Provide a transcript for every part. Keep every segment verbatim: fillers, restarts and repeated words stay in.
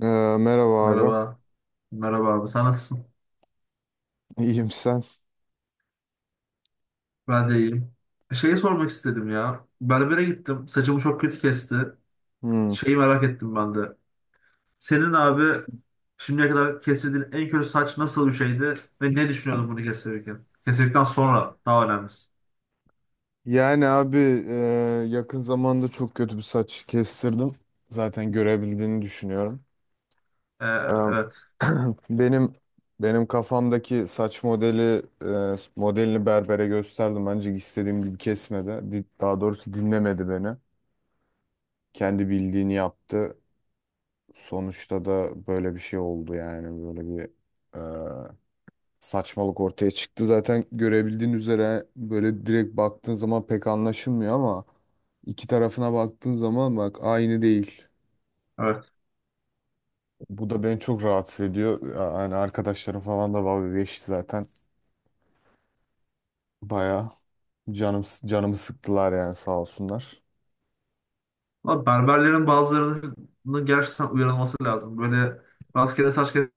Ee, merhaba abi. Merhaba. Merhaba abi. Sen nasılsın? İyiyim sen. Ben de iyiyim. Şeyi sormak istedim ya. Berbere gittim. Saçımı çok kötü kesti. Hmm. Şeyi merak ettim ben de. Senin abi şimdiye kadar kestirdiğin en kötü saç nasıl bir şeydi? Ve ne düşünüyordun bunu kestirirken? Kestirdikten sonra daha önemlisi. Yani abi e, yakın zamanda çok kötü bir saç kestirdim. Zaten görebildiğini düşünüyorum. Ee, Ee, evet. benim benim kafamdaki saç modeli e, modelini berbere gösterdim. Ancak istediğim gibi kesmedi. Di- Daha doğrusu dinlemedi beni. Kendi bildiğini yaptı. Sonuçta da böyle bir şey oldu, yani böyle bir e, saçmalık ortaya çıktı. Zaten görebildiğin üzere böyle direkt baktığın zaman pek anlaşılmıyor, ama iki tarafına baktığın zaman bak aynı değil. Evet. Bu da beni çok rahatsız ediyor. Yani arkadaşlarım falan da dalga geçti zaten. Baya canım canımı sıktılar yani, sağ olsunlar. Ama berberlerin bazılarının gerçekten uyarılması lazım. Böyle rastgele saç kesip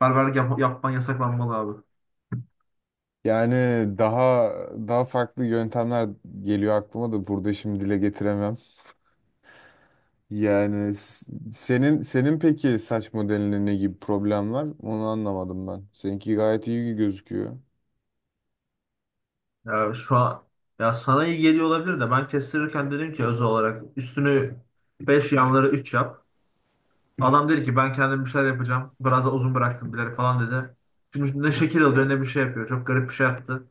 berberlik yap yapman yasaklanmalı abi. Yani daha daha farklı yöntemler geliyor aklıma da burada şimdi dile getiremem. Yani s- senin senin peki saç modelinde ne gibi problem var? Onu anlamadım ben. Seninki gayet iyi gözüküyor. Ya şu an ya sana iyi geliyor olabilir de ben kestirirken dedim ki özel olarak üstünü beş yanları üç yap. Adam dedi ki ben kendim bir şeyler yapacağım. Biraz da uzun bıraktım bilerek falan dedi. Şimdi ne şekil alıyor ne bir şey yapıyor. Çok garip bir şey yaptı.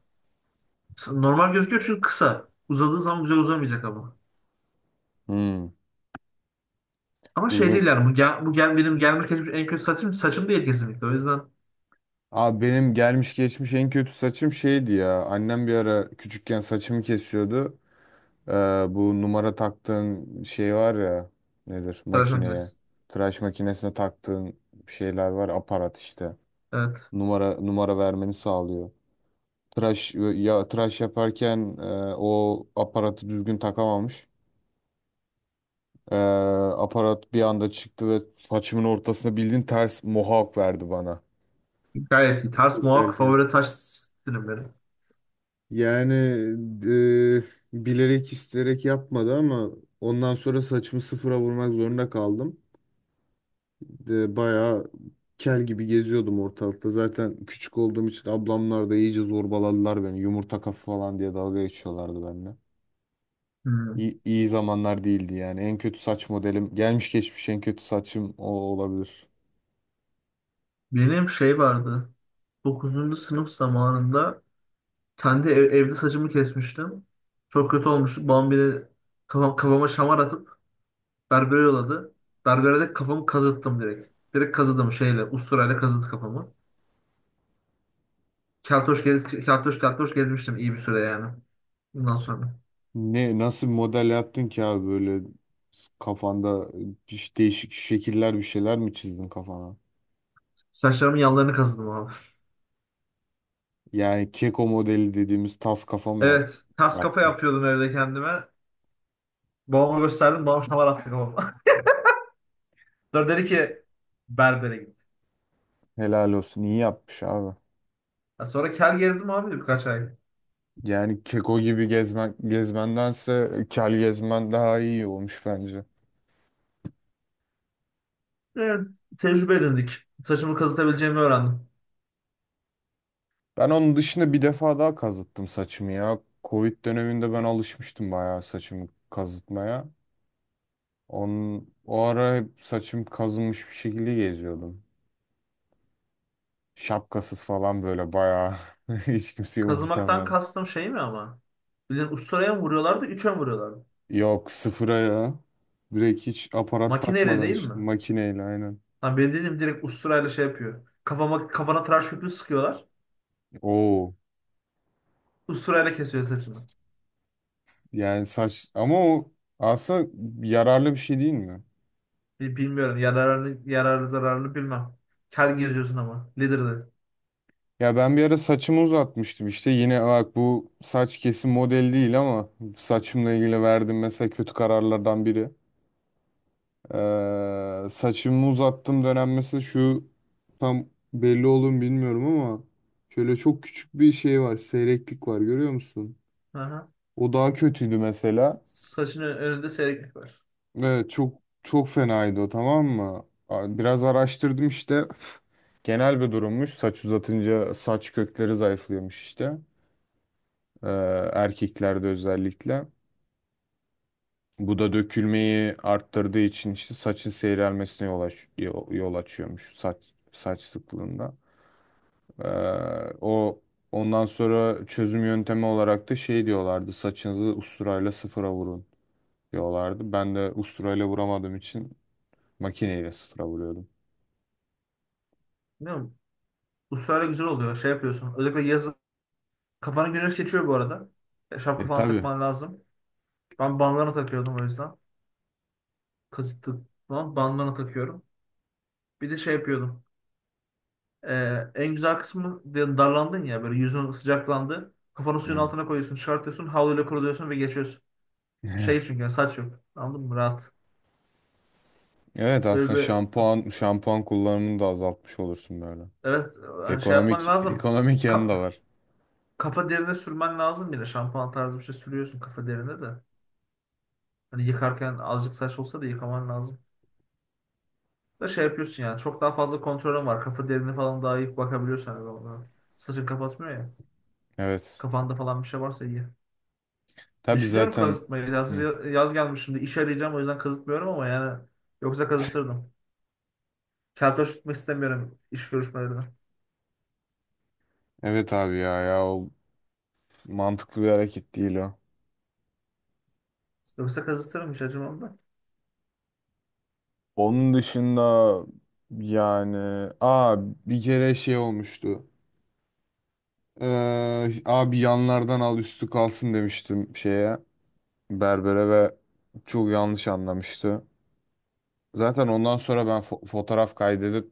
Normal gözüküyor çünkü kısa. Uzadığı zaman güzel uzamayacak ama. Hmm, Ama şey değil uzun. yani bu, gel, bu gel, benim gelme kesmiş en kötü saçım saçım değil kesinlikle. O yüzden Abi benim gelmiş geçmiş en kötü saçım şeydi ya. Annem bir ara küçükken saçımı kesiyordu. Ee, bu numara taktığın şey var ya. Nedir? tıraş Makineye. makinesi. Tıraş makinesine taktığın şeyler var. Aparat işte. Evet. Numara numara vermeni sağlıyor. Tıraş ya tıraş yaparken e, o aparatı düzgün takamamış. Ee, aparat bir anda çıktı ve saçımın ortasına bildiğin ters mohawk verdi bana Gayet iyi. Ters mohawk keserken. favori taş stilim benim. Yani e, bilerek isteyerek yapmadı, ama ondan sonra saçımı sıfıra vurmak zorunda kaldım. E, bayağı kel gibi geziyordum ortalıkta. Zaten küçük olduğum için ablamlar da iyice zorbaladılar beni. Yumurta kafa falan diye dalga geçiyorlardı benimle. Hmm. İyi, iyi zamanlar değildi yani. En kötü saç modelim, gelmiş geçmiş en kötü saçım o olabilir. Benim şey vardı. Dokuzuncu sınıf zamanında kendi ev- evde saçımı kesmiştim. Çok kötü olmuştu. Babam beni kafam, kafama şamar atıp berbere yolladı. Berbere de kafamı kazıttım direkt. Direkt kazıdım şeyle, usturayla kazıdı kafamı. Keltoş, gez, keltoş, keltoş gezmiştim iyi bir süre yani. Bundan sonra. Ne nasıl bir model yaptın ki abi, böyle kafanda bir- değişik şekiller, bir şeyler mi çizdin kafana? Saçlarımın yanlarını kazıdım abi. Yani keko modeli dediğimiz tas kafa mı yap, Evet. Ters kafa yaptın? yapıyordum evde kendime. Babama gösterdim. Babam şamar attı babama. Sonra dedi ki berbere git. Helal olsun, iyi yapmış abi. Ya sonra kel gezdim abi birkaç ay. Yani keko gibi gezmen, gezmendense e, kel gezmen daha iyi olmuş bence. Evet. Tecrübe edindik. Saçımı kazıtabileceğimi öğrendim. Ben onun dışında bir defa daha kazıttım saçımı ya. Covid döneminde ben alışmıştım bayağı saçımı kazıtmaya. Onun, o ara hep saçım kazınmış bir şekilde geziyordum. Şapkasız falan böyle bayağı hiç kimseyi Kazımaktan umursamayan. kastım şey mi ama? Bildiğin usturaya mı vuruyorlardı, üçe mi vuruyorlardı? Yok, sıfıra ya. Direkt hiç aparat Makineyle takmadan değil mi? işte makineyle, aynen. Ha, benim dediğim direkt usturayla şey yapıyor. Kafama, kafana tıraş köpüğü sıkıyorlar. Oo. Usturayla kesiyor saçını. Yani saç ama o aslında yararlı bir şey değil mi? Bi- Bilmiyorum. Yararını, yararlı zararını bilmem. Kel geziyorsun ama. Lider'de. Ya ben bir ara saçımı uzatmıştım işte, yine bak bu saç kesim model değil ama saçımla ilgili verdiğim mesela kötü kararlardan biri. Ee, saçımı uzattım dönem mesela şu tam belli olur mu bilmiyorum ama şöyle çok küçük bir şey var. Seyreklik var, görüyor musun? Aha. O daha kötüydü mesela. Saçının önünde seyreklik var. Evet, çok çok fenaydı o, tamam mı? A- Biraz araştırdım işte. Genel bir durummuş. Saç uzatınca saç kökleri zayıflıyormuş işte. Ee, erkeklerde özellikle. Bu da dökülmeyi arttırdığı için işte saçın seyrelmesine yol, aç yol yol açıyormuş saç saç sıklığında. Ee, o ondan sonra çözüm yöntemi olarak da şey diyorlardı. Saçınızı usturayla sıfıra vurun diyorlardı. Ben de usturayla vuramadığım için makineyle sıfıra vuruyordum. Bilmiyorum. Usturayla güzel oluyor. Şey yapıyorsun. Özellikle yazın. Kafana güneş geçiyor bu arada. E, Şapka E falan tabii. takman lazım. Ben bandana takıyordum o yüzden. Kasıtlı falan bandana takıyorum. Bir de şey yapıyordum. Ee, en güzel kısmı de- darlandın ya böyle yüzün sıcaklandı. Kafanı suyun Hmm. altına koyuyorsun, çıkartıyorsun, havluyla kuruluyorsun ve geçiyorsun. Şey çünkü yani saç yok. Anladın mı? Rahat. Evet, Öyle aslında bir şampuan şampuan kullanımını da azaltmış olursun böyle. evet, hani şey yapman Ekonomik lazım. ekonomik yanı Ka- da var. kafa derine sürmen lazım yine. Şampuan tarzı bir şey sürüyorsun kafa derine de. Hani yıkarken azıcık saç olsa da yıkaman lazım. Da şey yapıyorsun yani çok daha fazla kontrolün var. Kafa derine falan daha iyi bakabiliyorsun hani ona. Saçın kapatmıyor ya. Evet. Kafanda falan bir şey varsa iyi. Tabii Düşünüyorum zaten. kazıtmayı. Hı. Hazır yaz gelmiş şimdi. İş arayacağım o yüzden kazıtmıyorum ama yani yoksa kazıtırdım. Keltoş tutmak istemiyorum iş görüşmelerine. Evet abi, ya ya o mantıklı bir hareket değil o. Yoksa kazıtırım hiç acımam da. Onun dışında yani, aa, bir kere şey olmuştu. Ee, abi yanlardan al üstü kalsın demiştim şeye, berbere, ve çok yanlış anlamıştı. Zaten ondan sonra ben fo- fotoğraf kaydedip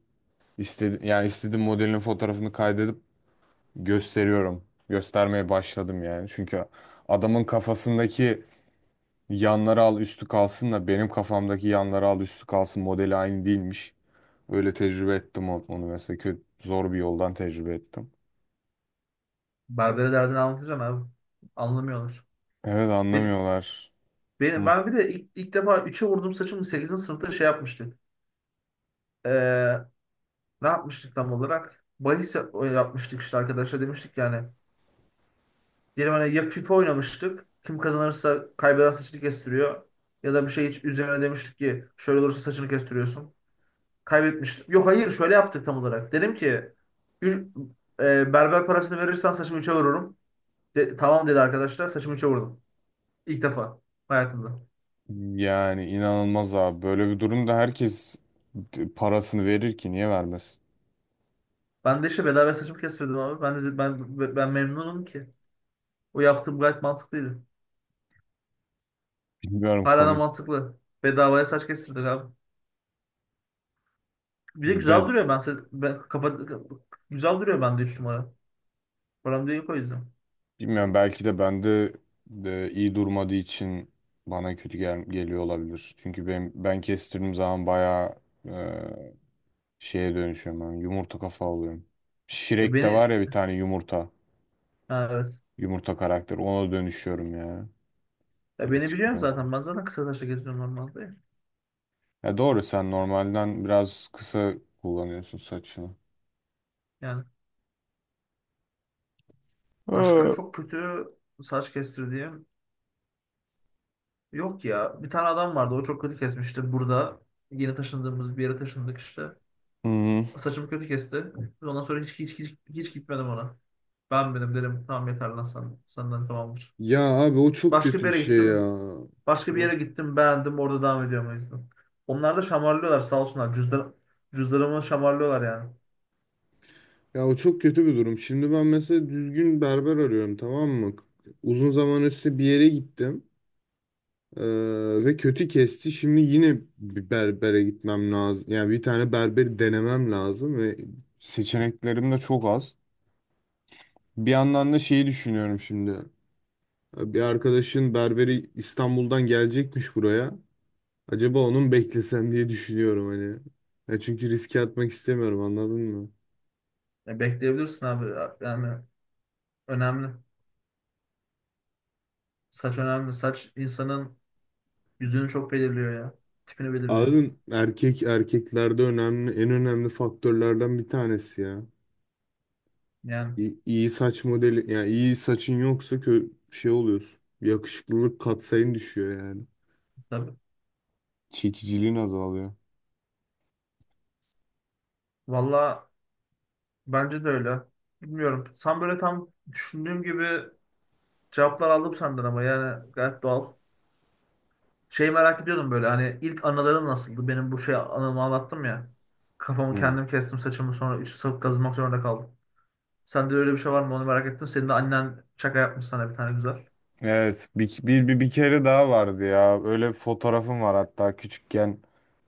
istedi, yani istediğim modelin fotoğrafını kaydedip gösteriyorum. Göstermeye başladım yani. Çünkü adamın kafasındaki yanları al üstü kalsınla benim kafamdaki yanları al üstü kalsın modeli aynı değilmiş. Öyle tecrübe ettim on- onu, mesela kötü zor bir yoldan tecrübe ettim. Berbere derdini anlatacağım abi. Anlamıyorlar. Evet, Ben, anlamıyorlar. benim, ben bir de ilk, ilk defa üçe vurduğum saçımı sekizinci sınıfta şey yapmıştık. Ee, ne yapmıştık tam olarak? Bahis yap- yapmıştık işte arkadaşlar demiştik yani. Diyelim hani ya FIFA oynamıştık. Kim kazanırsa kaybeden saçını kestiriyor. Ya da bir şey hiç üzerine demiştik ki şöyle olursa saçını kestiriyorsun. Kaybetmiştim. Yok hayır şöyle yaptık tam olarak. Dedim ki "Ür- e, berber parasını verirsen saçımı üçe vururum. De- tamam dedi arkadaşlar, saçımı üçe vurdum. İlk defa hayatımda. Yani inanılmaz abi. Böyle bir durumda herkes parasını verir ki, niye vermez? Ben de işte bedava saçımı kestirdim abi. Ben de, ben, ben memnunum ki. O yaptığım gayet mantıklıydı. Bilmiyorum, Hala da komik. mantıklı. Bedavaya saç kestirdik abi. Bir de güzel Bed duruyor ben. Se- ben kafa, güzel duruyor bende üç numara. Param da yok o yüzden. Bilmiyorum, belki de bende de iyi durmadığı için bana kötü gel geliyor olabilir. Çünkü ben, ben kestirdiğim zaman bayağı e, şeye dönüşüyorum. Ben, yumurta kafa oluyorum. Ya Shrek'te beni var ya bir tane yumurta. ha, evet. Yumurta karakter. Ona dönüşüyorum ya. Ya beni biliyorsun Yakışmıyor bana. zaten. Ben zaten kısa saçla geziyorum normalde. Ya doğru, sen normalden biraz kısa kullanıyorsun saçını. Yani. Ee, Başka Hı çok kötü saç kestirdiğim yok ya. Bir tane adam vardı o çok kötü kesmişti burada. Yeni taşındığımız bir yere taşındık işte. hı. Saçımı kötü kesti. Ondan sonra hiç hiç hiç, hiç gitmedim ona. Ben benim dedim tamam yeter lan sen, senden tamamdır. Ya abi, o çok Başka kötü bir bir yere şey ya. gittim. Başka bir Hı. yere gittim, beğendim, orada devam ediyorum o yüzden. Onlar da şamarlıyorlar sağ olsunlar. Cüzdan, cüzdanımı şamarlıyorlar yani. Ya o çok kötü bir durum. Şimdi ben mesela düzgün berber arıyorum, tamam mı? Uzun zaman üstü bir yere gittim. Ee, ve kötü kesti. Şimdi yine bir berbere gitmem lazım. Yani bir tane berberi denemem lazım ve seçeneklerim de çok az. Bir yandan da şeyi düşünüyorum şimdi. Bir arkadaşın berberi İstanbul'dan gelecekmiş buraya. Acaba onun beklesem diye düşünüyorum hani. Ya çünkü riske atmak istemiyorum, anladın mı? Ya bekleyebilirsin abi yani önemli. Saç önemli. Saç insanın yüzünü çok belirliyor ya. Tipini belirliyor. Abi erkek, erkeklerde önemli, en önemli faktörlerden bir tanesi ya. Yani İyi, iyi saç modeli, yani iyi saçın yoksa kö şey oluyorsun. Yakışıklılık katsayın düşüyor yani. tabii. Çekiciliğin azalıyor. Valla bence de öyle. Bilmiyorum. Sen böyle tam düşündüğüm gibi cevaplar aldım senden ama yani gayet doğal. Şey merak ediyordum böyle hani ilk anıların nasıldı? Benim bu şey anımı anlattım ya. Kafamı Hmm. kendim kestim saçımı sonra içi sarıp kazımak zorunda kaldım. Sende öyle bir şey var mı onu merak ettim. Senin de annen şaka yapmış sana bir tane güzel. Evet, bir, bir, bir, bir kere daha vardı ya, öyle bir fotoğrafım var hatta. Küçükken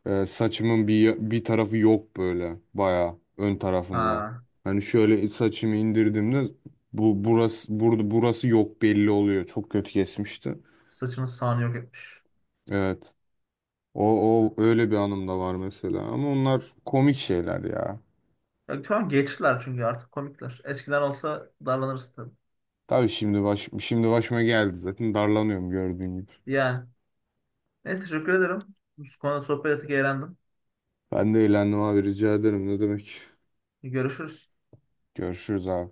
e, saçımın bir, bir tarafı yok, böyle baya ön tarafında. Ha, Hani şöyle saçımı indirdiğimde bu burası burada burası yok, belli oluyor, çok kötü kesmişti. saçını sağını yok etmiş. Evet. O, o öyle bir anım da var mesela. Ama onlar komik şeyler ya. Ya, şu an geçtiler çünkü artık komikler. Eskiden olsa darlanırız tabii. Tabii şimdi baş, şimdi başıma geldi zaten, darlanıyorum gördüğün gibi. Yani neyse teşekkür ederim. Bu konuda sohbet ettik, eğlendim. Ben de eğlendim abi, rica ederim, ne demek. Görüşürüz. Görüşürüz abi.